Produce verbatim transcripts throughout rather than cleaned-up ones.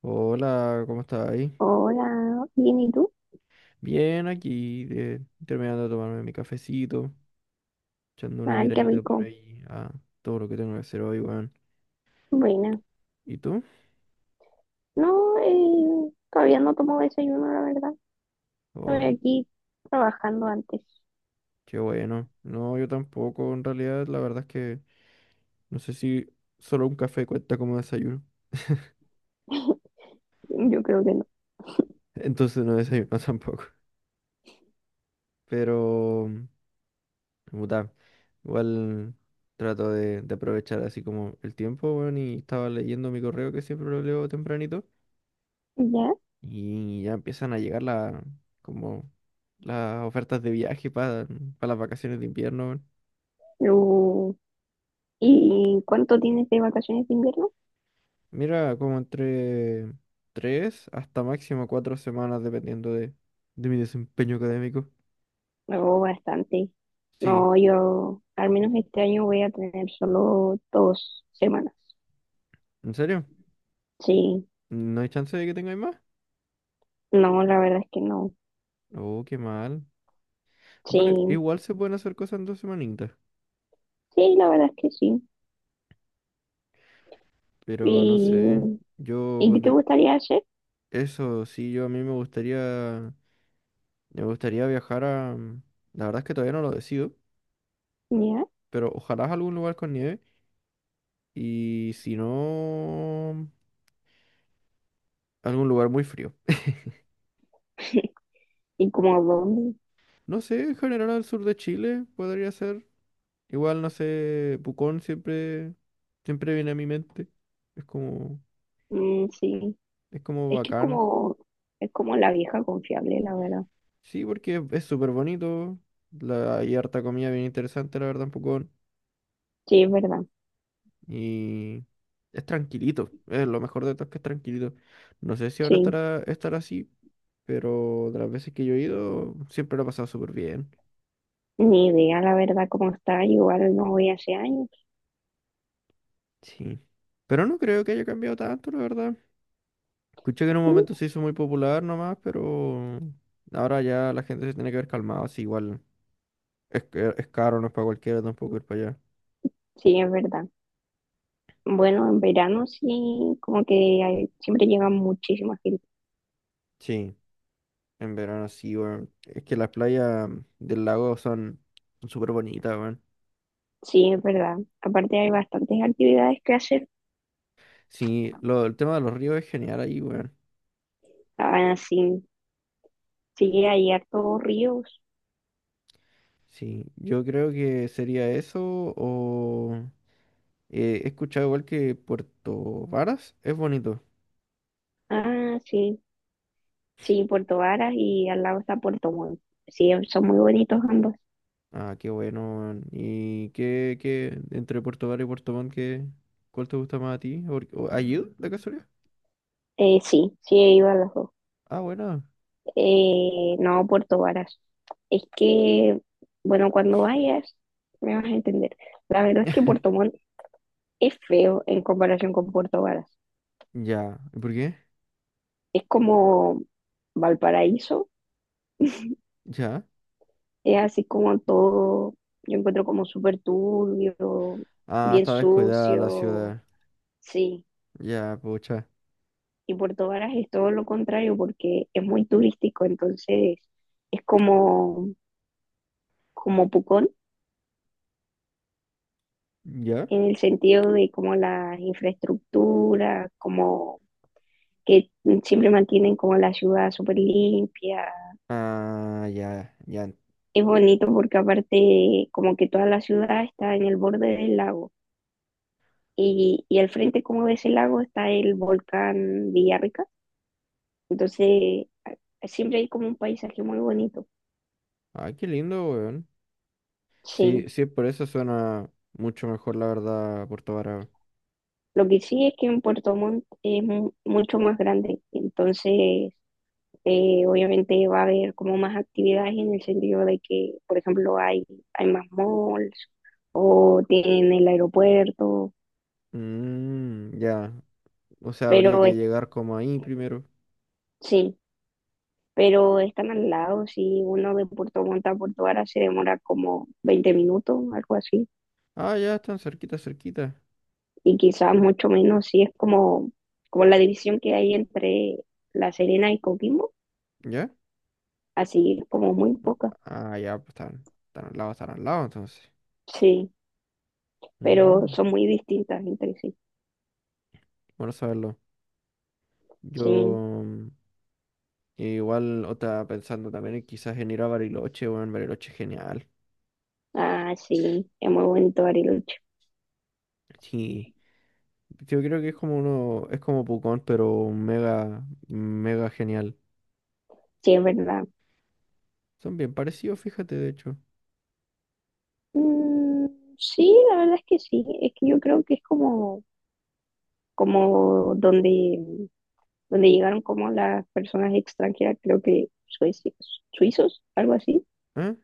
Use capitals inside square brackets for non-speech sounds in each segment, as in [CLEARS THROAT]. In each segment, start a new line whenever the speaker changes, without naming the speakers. Hola, ¿cómo estás ahí?
Hola, bien, ¿y tú?
Bien, aquí, de- terminando de tomarme mi cafecito, echando una
Ay, qué
miradita por
rico.
ahí a todo lo que tengo que hacer hoy, weón.
Buena.
¿Y tú?
No, eh, todavía no tomo desayuno, la verdad. Estoy
Oh,
aquí trabajando antes.
qué bueno. No, yo tampoco, en realidad, la verdad es que no sé si solo un café cuenta como desayuno.
Yo creo que no.
[LAUGHS] Entonces no desayuno [LAUGHS] tampoco. Pero, mm, puta, igual trato de, de aprovechar así como el tiempo, weón, y estaba leyendo mi correo que siempre lo leo tempranito.
¿Ya?
Y ya empiezan a llegar la, como las ofertas de viaje para las vacaciones de invierno, weón.
Uh, ¿Y cuánto tienes de vacaciones de invierno?
Mira, como entre tres hasta máximo cuatro semanas, dependiendo de, de mi desempeño académico.
No, bastante.
Sí,
No, yo al menos este año voy a tener solo dos semanas.
¿en serio?
Sí,
¿No hay chance de que tengáis más?
no, la verdad es que no.
Oh, qué mal. Bueno,
Sí,
igual se pueden hacer cosas en dos semanitas,
sí, la verdad es que sí.
pero no
¿Y,
sé. Yo,
y qué te
ponte-
gustaría hacer?
eso sí, yo a mí me gustaría, me gustaría viajar a... La verdad es que todavía no lo decido,
¿Ya?
pero ojalá a algún lugar con nieve. Y si no, algún lugar muy frío.
[LAUGHS] ¿Y como dónde?
No sé, en general al sur de Chile podría ser. Igual, no sé, Pucón siempre, siempre viene a mi mente. Es como,
Mm, sí,
es como
es que es
bacán.
como, es como la vieja confiable, la verdad.
Sí, porque es súper bonito. La, hay harta comida bien interesante, la verdad, en Pucón.
Sí, es verdad,
Y es tranquilito. Es lo mejor de todo es que es tranquilito. No sé si ahora
sí.
estará, estará así, pero de las veces que yo he ido, siempre lo he pasado súper bien.
Ni idea, la verdad, cómo está. Igual no voy hace años.
Sí. Pero no creo que haya cambiado tanto, la verdad. Escuché que en un
Mm,
momento se hizo muy popular nomás, pero ahora ya la gente se tiene que ver calmado. Así igual es, que- es caro, no es para cualquiera tampoco ir para allá.
sí, es verdad. Bueno, en verano sí, como que hay- siempre llega muchísima gente.
Sí, en verano sí, weón. Es que las playas del lago son son súper bonitas, weón.
Sí, es verdad. Aparte hay bastantes actividades que hacer.
Sí, lo, el tema de los ríos es genial ahí, weón.
Ah, sí, sí, hay hartos ríos.
Sí, yo creo que sería eso o... eh, he escuchado igual que Puerto Varas es bonito.
Ah, sí, sí, Puerto Varas y al lado está Puerto Montt. Sí, son muy bonitos ambos.
Ah, qué bueno, weón. ¿Y qué, qué, entre Puerto Vara y Puerto Montt, qué, cuál te gusta más a ti? ¿Por- o- ¿Ayud, la casualidad?
Eh, sí, sí he ido a los dos.
Ah, bueno.
Eh, no, Puerto Varas. Es que, bueno, cuando vayas, me vas a entender. La verdad es que Puerto Montt es feo en comparación con Puerto Varas.
Ya. ¿Y por qué?
Es como Valparaíso,
Ya.
es así como todo, yo encuentro como súper turbio,
Ah,
bien
está descuidada la
sucio,
ciudad.
sí.
Ya, pucha.
Y Puerto Varas es todo lo contrario porque es muy turístico, entonces es como, como Pucón
¿Ya?
en el sentido de como la infraestructura, como que siempre mantienen como la ciudad súper limpia.
Ah, ya, ya.
Es bonito porque aparte como que toda la ciudad está en el borde del lago y, y al frente como de ese lago está el volcán Villarrica. Entonces a- siempre hay como un paisaje muy bonito.
Ah, qué lindo, weón. Sí,
Sí,
sí, por eso suena mucho mejor, la verdad, Puerto Vara.
lo que sí es que en Puerto Montt es mu- mucho más grande. Entonces Eh, obviamente va a haber como más actividades en el sentido de que, por ejemplo, hay, hay más malls o tienen el aeropuerto,
Mmm, ya. O sea, habría
pero
que
es-
llegar como ahí primero.
sí, pero están al lado, si uno de Puerto Montt a Puerto Vara se demora como veinte minutos, algo así,
Ah, ya, están cerquita, cerquita.
y quizás mucho menos si es como, como la división que hay entre La Serena y Coquimbo,
¿Ya?
así es como muy poca,
Ah, ya, pues están, están al lado, están al lado, entonces.
sí, pero
Mm,
son muy distintas entre sí,
bueno saberlo. Yo
sí.
mm, igual otra pensando también en quizás en ir a Bariloche, bueno, Bariloche es genial.
Ah, sí, es muy bonito Ariel.
Sí, yo creo que es como uno, es como Pucón, pero mega, mega genial.
Sí, es verdad.
Son bien parecidos, fíjate, de hecho.
Mm, sí, la verdad es que sí. Es que yo creo que es como, como donde, donde llegaron como las personas extranjeras, creo que suecios, suizos, algo así.
¿Eh?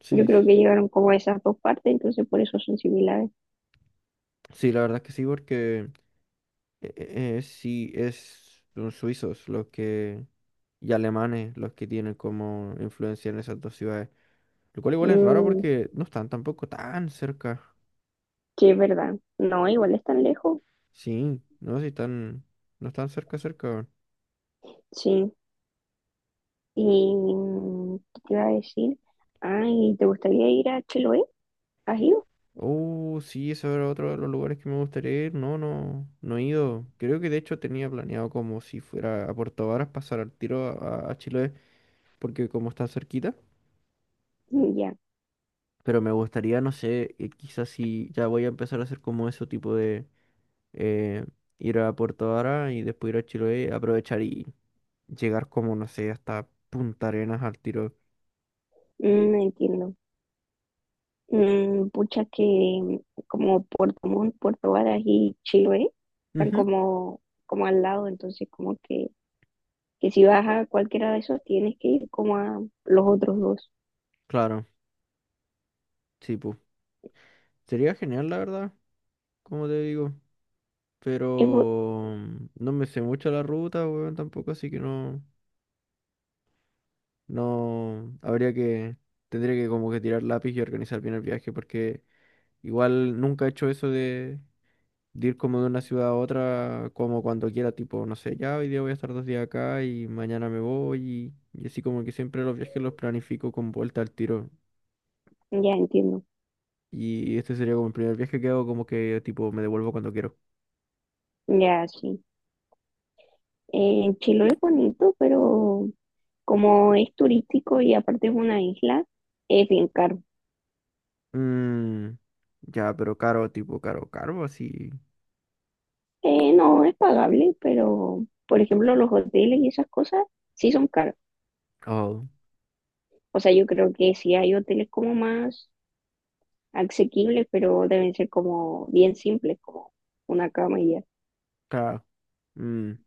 Sí,
Yo creo
s-
que llegaron como a esas dos partes, entonces por eso son similares.
sí, la verdad es que sí, porque eh, eh, eh, sí, es, son suizos los que, y alemanes los que tienen como influencia en esas dos ciudades. Lo cual igual es raro
Mm,
porque no están tampoco tan cerca.
sí, es verdad. No, igual están lejos.
Sí, no, si están. No están cerca, cerca, weón.
Sí. Y mm, ¿qué te iba a decir? Ay, ¿te gustaría ir a Chiloé? ¿Has ido?
Oh, sí, ese era otro de los lugares que me gustaría ir. No, no, no he ido. Creo que de hecho tenía planeado como si fuera a Puerto Varas pasar al tiro a, a Chiloé, porque como está cerquita.
Mm, ya.
Pero me gustaría, no sé, eh, quizás si ya voy a empezar a hacer como ese tipo de eh, ir a Puerto Varas y después ir a Chiloé, aprovechar y llegar como, no sé, hasta Punta Arenas al tiro.
Mm, entiendo. Mm, pucha que como Puerto Montt, Puerto Varas y Chiloé están
Ujú.
como, como al lado, entonces como que, que si vas a cualquiera de esos tienes que ir como a los otros dos.
Claro, sí, pues. Sería genial, la verdad, como te digo.
Es bu-
Pero mm, no me sé mucho la ruta, weón, tampoco, así que no, no, habría que, tendría que como que tirar lápiz y organizar bien el viaje, porque igual nunca he hecho eso de, de ir como de una ciudad a otra, como cuando quiera, tipo, no sé, ya hoy día voy a estar dos días acá y mañana me voy y, y así como que siempre los viajes los planifico con vuelta al tiro.
ya entiendo,
Y este sería como el primer viaje que hago, como que tipo me devuelvo cuando quiero.
ya sí. Eh, Chiloé es bonito, pero como es turístico y aparte es una isla, es bien caro.
Mm, ya, pero caro, tipo caro, caro, así.
Eh, no, es pagable, pero por ejemplo los hoteles y esas cosas sí son caros.
Oh,
O sea, yo creo que sí hay hoteles como más asequibles, pero deben ser como bien simples, como una cama y ya.
claro. Mm,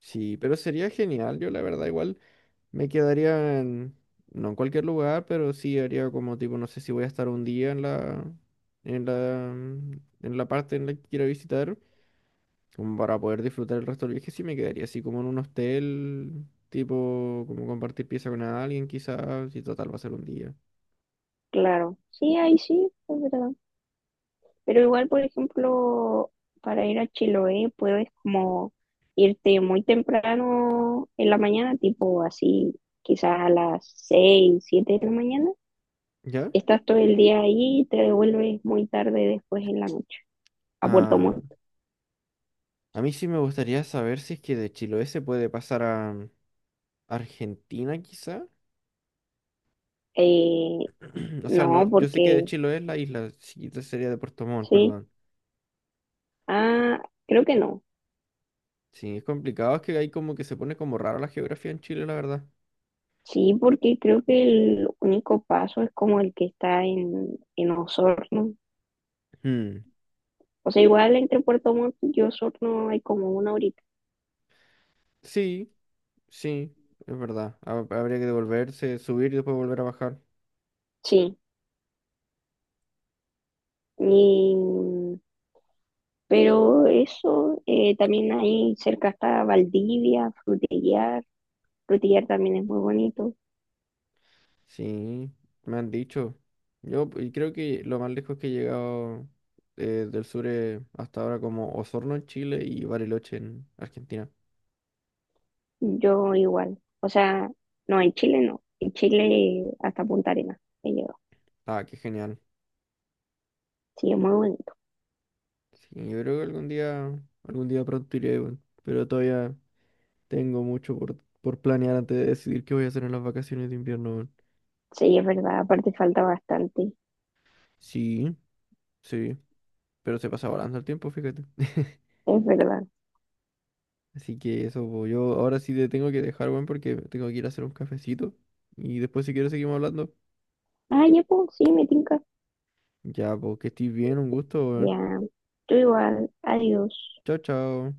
sí, pero sería genial. Yo, la verdad, igual me quedaría en, no en cualquier lugar, pero sí haría como tipo, no sé si voy a estar un día en la, en la, mm, en la parte en la que quiero visitar, como para poder disfrutar el resto del viaje, sí me quedaría así como en un hostel, tipo, como compartir pieza con alguien, quizás, y total va a ser un día.
Claro, sí, ahí sí, es verdad. Pero igual, por ejemplo, para ir a Chiloé puedes como irte muy temprano en la mañana, tipo así, quizás a las seis siete de la mañana.
¿Ya?
Estás todo el día ahí y te devuelves muy tarde después en la noche a Puerto
Ah.
Montt.
A mí sí me gustaría saber si es que de Chiloé se puede pasar a Argentina, quizá.
Eh,
[CLEARS THROAT] O sea, no,
no,
yo sé que de
porque
Chiloé es la isla, sí, esta sería de Puerto Montt,
sí.
perdón.
Ah, creo que no.
Sí, es complicado, es que hay como que se pone como raro la geografía en Chile, la verdad.
Sí, porque creo que el único paso es como el que está en, en Osorno.
Hmm,
O sea, igual entre Puerto Montt y Osorno hay como una horita.
sí, sí, es verdad. Ha- Habría que devolverse, subir y después volver a bajar.
Sí, y, pero eso eh, también ahí cerca está Valdivia, Frutillar. Frutillar también es muy bonito.
Sí, me han dicho. Yo p- creo que lo más lejos que he llegado eh, del sur es hasta ahora como Osorno en Chile y Bariloche en Argentina.
Yo igual. O sea, no, en Chile no. En Chile hasta Punta Arenas he llegado.
Ah, qué genial.
Sí, es muy bonito.
Sí, yo creo que algún día, algún día pronto iré, weón. Pero todavía tengo mucho por, por planear antes de decidir qué voy a hacer en las vacaciones de invierno, weón.
Sí, es verdad. Aparte falta bastante.
Sí, sí. Pero se pasa volando el tiempo, fíjate. [LAUGHS]
Es verdad.
Así que eso, po. Yo ahora sí te tengo que dejar, weón, porque tengo que ir a hacer un cafecito. Y después, si quieres, seguimos hablando.
Ah, ya, pues, sí, me tinca.
Ya, pues, que estés bien, un gusto, weón.
Ya, tú igual, adiós.
Chao, chao.